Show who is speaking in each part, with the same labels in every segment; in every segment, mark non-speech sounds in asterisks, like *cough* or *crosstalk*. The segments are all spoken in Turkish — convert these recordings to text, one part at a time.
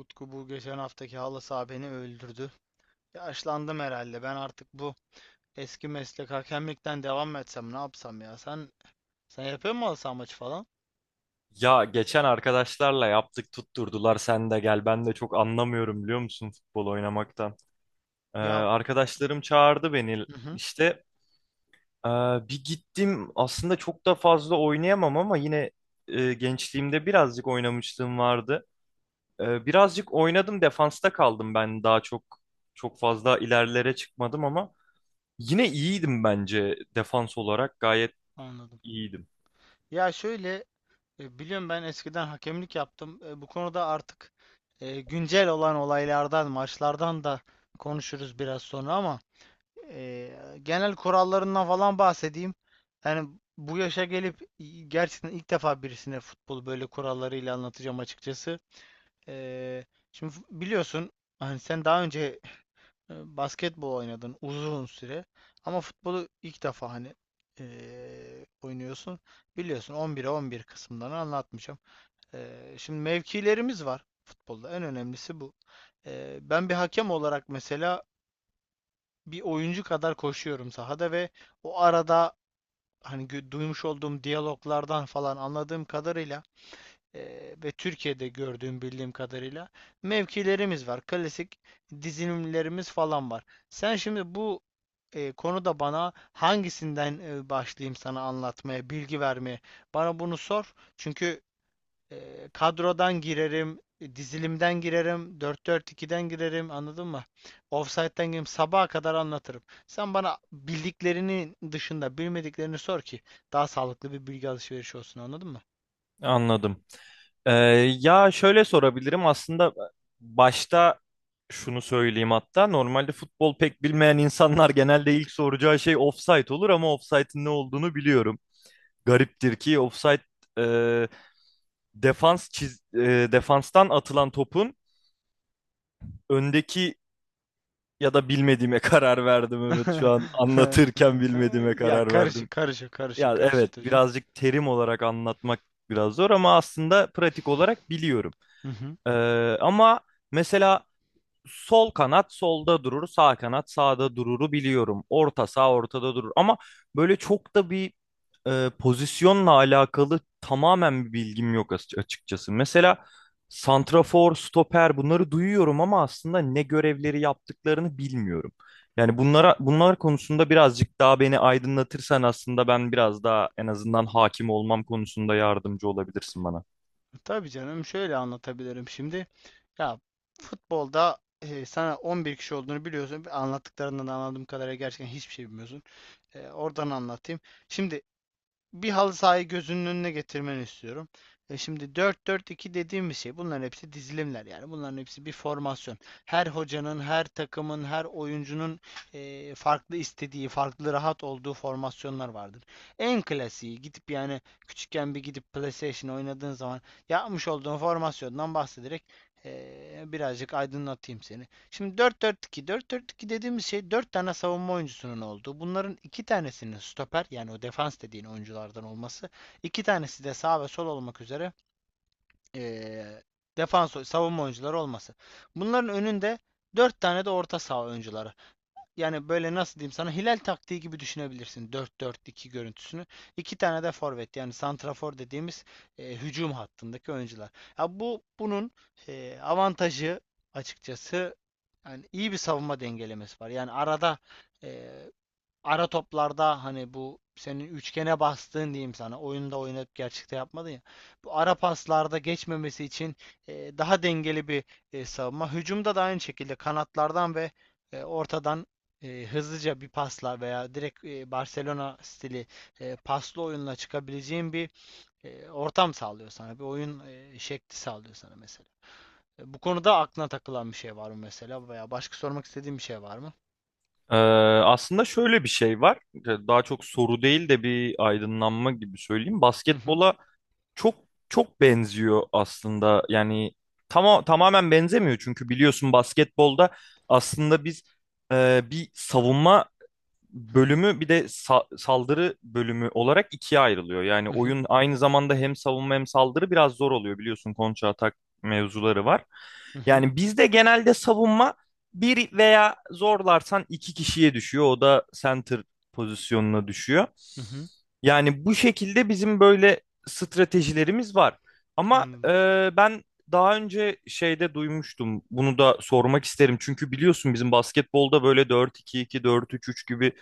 Speaker 1: Utku, bu geçen haftaki halı saha beni öldürdü. Yaşlandım herhalde. Ben artık bu eski meslek hakemlikten devam mı etsem ne yapsam ya? Sen yapıyor musun halı saha maçı falan?
Speaker 2: Ya, geçen arkadaşlarla yaptık, tutturdular sen de gel, ben de çok anlamıyorum biliyor musun futbol oynamaktan.
Speaker 1: Ya,
Speaker 2: Arkadaşlarım çağırdı beni
Speaker 1: hı hı,
Speaker 2: işte, ee, bir gittim aslında çok da fazla oynayamam ama yine gençliğimde birazcık oynamışlığım vardı. Birazcık oynadım, defansta kaldım, ben daha çok çok fazla ilerlere çıkmadım ama yine iyiydim, bence defans olarak gayet
Speaker 1: anladım.
Speaker 2: iyiydim.
Speaker 1: Ya şöyle, biliyorum ben eskiden hakemlik yaptım. Bu konuda artık güncel olan olaylardan, maçlardan da konuşuruz biraz sonra ama genel kurallarından falan bahsedeyim. Yani bu yaşa gelip gerçekten ilk defa birisine futbolu böyle kurallarıyla anlatacağım açıkçası. Ee, şimdi biliyorsun hani sen daha önce basketbol oynadın uzun süre ama futbolu ilk defa hani oynuyorsun. Biliyorsun 11'e 11 kısımlarını anlatmayacağım. Şimdi mevkilerimiz var futbolda. En önemlisi bu. Ben bir hakem olarak mesela bir oyuncu kadar koşuyorum sahada ve o arada hani duymuş olduğum diyaloglardan falan anladığım kadarıyla e, ve Türkiye'de gördüğüm bildiğim kadarıyla mevkilerimiz var. Klasik dizilimlerimiz falan var. Sen şimdi bu konuda bana hangisinden başlayayım sana anlatmaya, bilgi vermeye? Bana bunu sor. Çünkü kadrodan girerim, dizilimden girerim, dört 4 2'den girerim, anladın mı? Offside'den girerim, sabaha kadar anlatırım. Sen bana bildiklerinin dışında bilmediklerini sor ki daha sağlıklı bir bilgi alışverişi olsun, anladın mı?
Speaker 2: Anladım. Ee, Ya, şöyle sorabilirim aslında. Başta şunu söyleyeyim, hatta normalde futbol pek bilmeyen insanlar genelde ilk soracağı şey offside olur ama offside'in ne olduğunu biliyorum. Gariptir ki offside e, defanstan atılan topun öndeki ya da bilmediğime *laughs* karar verdim, evet şu an
Speaker 1: *laughs*
Speaker 2: anlatırken bilmediğime
Speaker 1: Ya
Speaker 2: karar verdim.
Speaker 1: karışık, karışık, karışık,
Speaker 2: Ya
Speaker 1: karışık
Speaker 2: evet,
Speaker 1: hocam.
Speaker 2: birazcık terim olarak anlatmak biraz zor ama aslında pratik olarak biliyorum.
Speaker 1: Hı hı.
Speaker 2: Ee, Ama mesela sol kanat solda durur, sağ kanat sağda dururu biliyorum. Orta sağ ortada durur ama böyle çok da bir pozisyonla alakalı tamamen bir bilgim yok açıkçası. Mesela santrafor, stoper bunları duyuyorum ama aslında ne görevleri yaptıklarını bilmiyorum. Yani bunlar konusunda birazcık daha beni aydınlatırsan, aslında ben biraz daha en azından hakim olmam konusunda yardımcı olabilirsin bana.
Speaker 1: Tabii canım, şöyle anlatabilirim şimdi. Ya futbolda, sana 11 kişi olduğunu biliyorsun. Anlattıklarından anladığım kadarıyla gerçekten hiçbir şey bilmiyorsun. Oradan anlatayım. Şimdi bir halı sahayı gözünün önüne getirmeni istiyorum. Şimdi 4-4-2 dediğimiz şey bunların hepsi dizilimler, yani bunların hepsi bir formasyon. Her hocanın, her takımın, her oyuncunun farklı istediği, farklı rahat olduğu formasyonlar vardır. En klasiği gidip, yani küçükken bir gidip PlayStation oynadığın zaman yapmış olduğun formasyondan bahsederek birazcık aydınlatayım seni. Şimdi 4-4-2. 4-4-2 dediğimiz şey 4 tane savunma oyuncusunun olduğu. Bunların 2 tanesinin stoper, yani o defans dediğin oyunculardan olması. İki tanesi de sağ ve sol olmak üzere eee defans savunma oyuncuları olması. Bunların önünde 4 tane de orta saha oyuncuları, yani böyle nasıl diyeyim sana, hilal taktiği gibi düşünebilirsin dört 4 2 görüntüsünü. İki tane de forvet, yani santrafor dediğimiz hücum hattındaki oyuncular. Ya bu bunun avantajı, açıkçası, yani iyi bir savunma dengelemesi var. Yani arada e, ara toplarda, hani bu senin üçgene bastığın, diyeyim sana, oyunda oynayıp gerçekte yapmadın ya. Bu ara paslarda geçmemesi için daha dengeli bir savunma. Hücumda da aynı şekilde kanatlardan ve ortadan hızlıca bir pasla veya direkt Barcelona stili paslı oyunla çıkabileceğin bir ortam sağlıyor sana. Bir oyun şekli sağlıyor sana mesela. Bu konuda aklına takılan bir şey var mı mesela veya başka sormak istediğin bir şey var mı?
Speaker 2: Ee, Aslında şöyle bir şey var. Daha çok soru değil de bir aydınlanma gibi söyleyeyim.
Speaker 1: Hı hı.
Speaker 2: Basketbola çok çok benziyor aslında. Yani tamamen benzemiyor çünkü biliyorsun basketbolda aslında biz bir savunma
Speaker 1: Hı hı.
Speaker 2: bölümü, bir de saldırı bölümü olarak ikiye ayrılıyor. Yani
Speaker 1: Hı hı.
Speaker 2: oyun aynı zamanda hem savunma hem saldırı, biraz zor oluyor, biliyorsun kontra atak mevzuları var.
Speaker 1: Hı hı.
Speaker 2: Yani bizde genelde savunma bir veya zorlarsan iki kişiye düşüyor. O da center pozisyonuna düşüyor.
Speaker 1: Hı hı.
Speaker 2: Yani bu şekilde bizim böyle stratejilerimiz var. Ama
Speaker 1: Anladım.
Speaker 2: ben daha önce şeyde duymuştum. Bunu da sormak isterim. Çünkü biliyorsun bizim basketbolda böyle 4-2-2, 4-3-3 gibi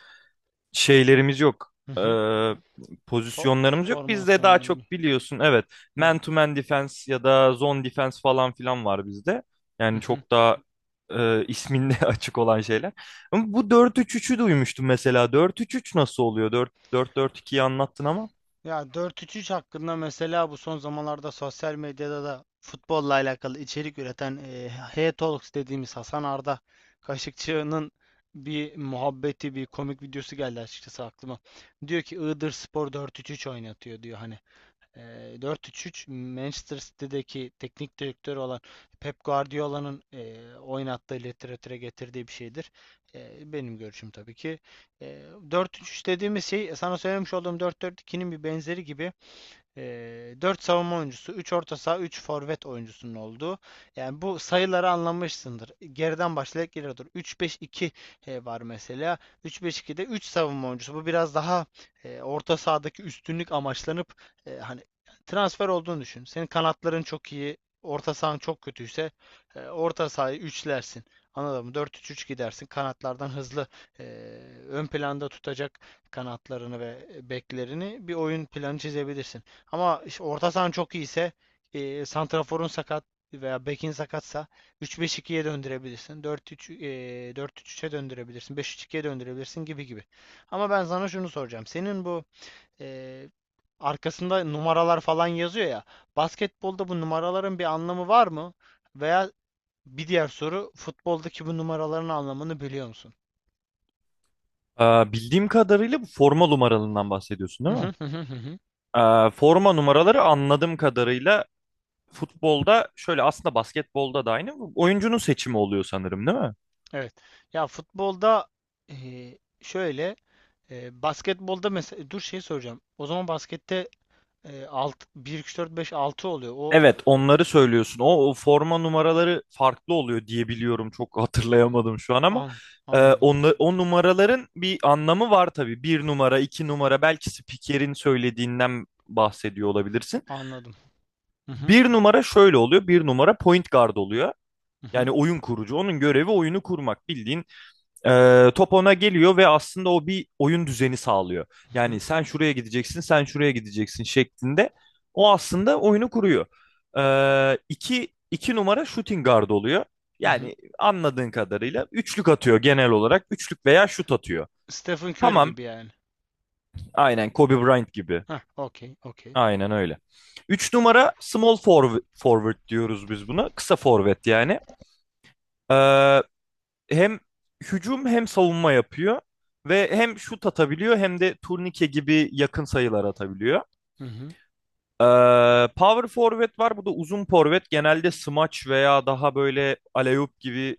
Speaker 2: şeylerimiz yok.
Speaker 1: Hı hı.
Speaker 2: Ee, Pozisyonlarımız yok. Bizde daha
Speaker 1: Formasyonları.
Speaker 2: çok, biliyorsun, evet,
Speaker 1: Evet.
Speaker 2: man to man defense ya da zone defense falan filan var bizde.
Speaker 1: Hı
Speaker 2: Yani
Speaker 1: hı.
Speaker 2: çok daha isminde *laughs* açık olan şeyler. Ama bu 4-3-3'ü duymuştum mesela. Dört üç üç nasıl oluyor? Dört 4-4-2'yi anlattın ama.
Speaker 1: Ya dört üç üç hakkında, mesela, bu son zamanlarda sosyal medyada da futbolla alakalı içerik üreten Hey Talks dediğimiz Hasan Arda Kaşıkçı'nın bir muhabbeti, bir komik videosu geldi açıkçası aklıma. Diyor ki Iğdır Spor dört üç 3 oynatıyor diyor. Hani 4 üç 3, Manchester City'deki teknik direktörü olan Pep Guardiola'nın oynattığı, literatüre getirdiği bir şeydir. Benim görüşüm tabii ki. E, 4 üç 3 dediğimiz şey sana söylemiş olduğum dört dört ikinin bir benzeri gibi. 4 savunma oyuncusu, 3 orta saha, 3 forvet oyuncusunun olduğu. Yani bu sayıları anlamışsındır. Geriden başlayarak geriye dur. Üç beş iki var mesela. 3-5-2'de 3 savunma oyuncusu. Bu biraz daha orta sahadaki üstünlük amaçlanıp hani transfer olduğunu düşün. Senin kanatların çok iyi, orta sahan çok kötüyse orta sahayı üçlersin. Anladın mı? Dört üç üç gidersin. Kanatlardan hızlı e, ön planda tutacak kanatlarını ve beklerini bir oyun planı çizebilirsin. Ama işte orta sahan çok iyiyse, santraforun sakat veya bekin sakatsa 3-5-2'ye döndürebilirsin. 4-3, 4-3-3'e döndürebilirsin. 5-3-2'ye döndürebilirsin gibi gibi. Ama ben sana şunu soracağım. Senin bu e, arkasında numaralar falan yazıyor ya. Basketbolda bu numaraların bir anlamı var mı? Veya bir diğer soru, futboldaki bu numaraların anlamını biliyor musun?
Speaker 2: Bildiğim kadarıyla bu forma numaralarından bahsediyorsun, değil mi?
Speaker 1: *laughs*
Speaker 2: Forma numaraları, anladığım kadarıyla futbolda şöyle, aslında basketbolda da aynı oyuncunun seçimi oluyor sanırım, değil mi?
Speaker 1: Evet. Ya futbolda, e, şöyle. Basketbolda mesela, dur, şey soracağım. O zaman baskette, alt, 1 2 3 4 5 6 oluyor. O
Speaker 2: Evet, onları söylüyorsun. O, o forma numaraları farklı oluyor diye biliyorum. Çok hatırlayamadım şu an ama
Speaker 1: an anladım.
Speaker 2: o numaraların bir anlamı var tabii. Bir numara, iki numara, belki spikerin söylediğinden bahsediyor olabilirsin.
Speaker 1: Anladım. Hı hı.
Speaker 2: Bir numara şöyle oluyor. Bir numara point guard oluyor.
Speaker 1: Hı hı.
Speaker 2: Yani oyun kurucu. Onun görevi oyunu kurmak. Bildiğin top ona geliyor ve aslında o bir oyun düzeni sağlıyor.
Speaker 1: Hı hı.
Speaker 2: Yani sen şuraya gideceksin, sen şuraya gideceksin şeklinde. O aslında oyunu kuruyor. İki, iki numara shooting guard oluyor.
Speaker 1: Hı hı.
Speaker 2: Yani anladığın kadarıyla üçlük atıyor genel olarak. Üçlük veya şut atıyor.
Speaker 1: Stephen Curry
Speaker 2: Tamam,
Speaker 1: gibi yani.
Speaker 2: aynen Kobe Bryant gibi.
Speaker 1: Heh, okey, okey.
Speaker 2: Aynen öyle. Üç numara small forward diyoruz biz buna. Kısa forvet yani. Ee, Hem hücum hem savunma yapıyor ve hem şut atabiliyor hem de turnike gibi yakın sayılar atabiliyor.
Speaker 1: Hı hı.
Speaker 2: Ee, Power forward var. Bu da uzun forvet. Genelde smaç veya daha böyle alley-oop gibi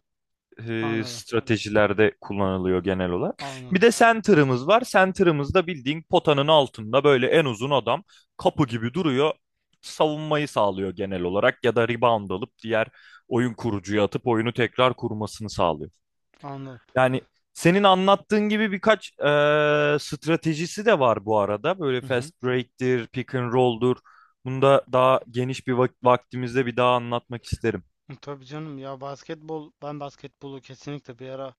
Speaker 1: Anladım.
Speaker 2: stratejilerde kullanılıyor genel olarak. Bir
Speaker 1: Anladım.
Speaker 2: de center'ımız var. Center'ımız da bildiğin potanın altında böyle en uzun adam, kapı gibi duruyor. Savunmayı sağlıyor genel olarak ya da rebound alıp diğer oyun kurucuya atıp oyunu tekrar kurmasını sağlıyor.
Speaker 1: Anladım.
Speaker 2: Yani senin anlattığın gibi birkaç stratejisi de var bu arada. Böyle
Speaker 1: Hı hı.
Speaker 2: fast break'tir, pick and roll'dur. Bunu da daha geniş bir vaktimizde bir daha anlatmak isterim.
Speaker 1: Tabii canım, ya basketbol, ben basketbolu kesinlikle bir ara,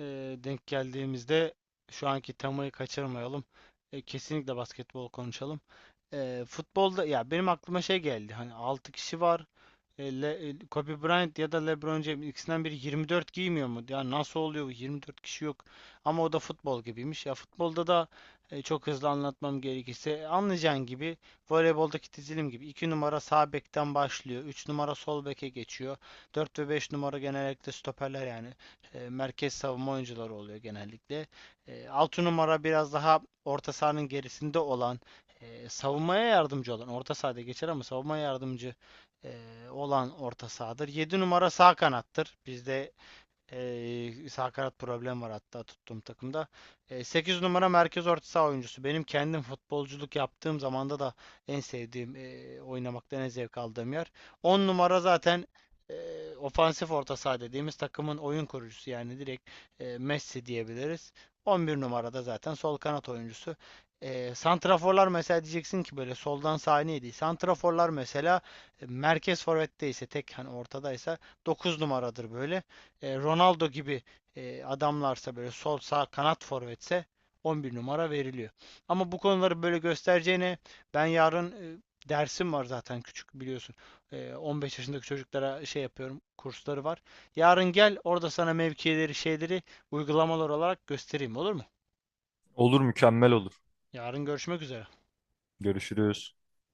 Speaker 1: e, denk geldiğimizde, şu anki temayı kaçırmayalım. Kesinlikle basketbol konuşalım. Futbolda ya benim aklıma şey geldi. Hani 6 kişi var. Kobe Bryant ya da LeBron James ikisinden biri 24 giymiyor mu? Ya nasıl oluyor bu? 24 kişi yok. Ama o da futbol gibiymiş. Ya futbolda da çok hızlı anlatmam gerekirse anlayacağın gibi, voleyboldaki dizilim gibi, 2 numara sağ bekten başlıyor. Üç numara sol beke geçiyor. Dört ve 5 numara genellikle stoperler, yani merkez savunma oyuncuları oluyor genellikle. 6 numara biraz daha orta sahanın gerisinde olan, savunmaya yardımcı olan, orta sahada geçer ama savunmaya yardımcı e, olan orta sahadır. Yedi numara sağ kanattır. Bizde sakarat problem var hatta tuttuğum takımda. 8 numara merkez orta saha oyuncusu. Benim kendim futbolculuk yaptığım zamanda da en sevdiğim, oynamaktan en zevk aldığım yer. 10 numara zaten e, ofansif orta saha dediğimiz takımın oyun kurucusu, yani direkt Messi diyebiliriz. 11 numara da zaten sol kanat oyuncusu. Santraforlar, mesela, diyeceksin ki böyle soldan sağa neydi? Santraforlar mesela merkez forvette ise, tek, hani ortadaysa 9 numaradır, böyle Ronaldo gibi adamlarsa, böyle sol sağ kanat forvetse 11 numara veriliyor. Ama bu konuları böyle göstereceğine, ben yarın, dersim var zaten küçük biliyorsun. 15 yaşındaki çocuklara şey yapıyorum, kursları var. Yarın gel, orada sana mevkileri şeyleri uygulamalar olarak göstereyim, olur mu?
Speaker 2: Olur, mükemmel olur.
Speaker 1: Yarın görüşmek üzere.
Speaker 2: Görüşürüz.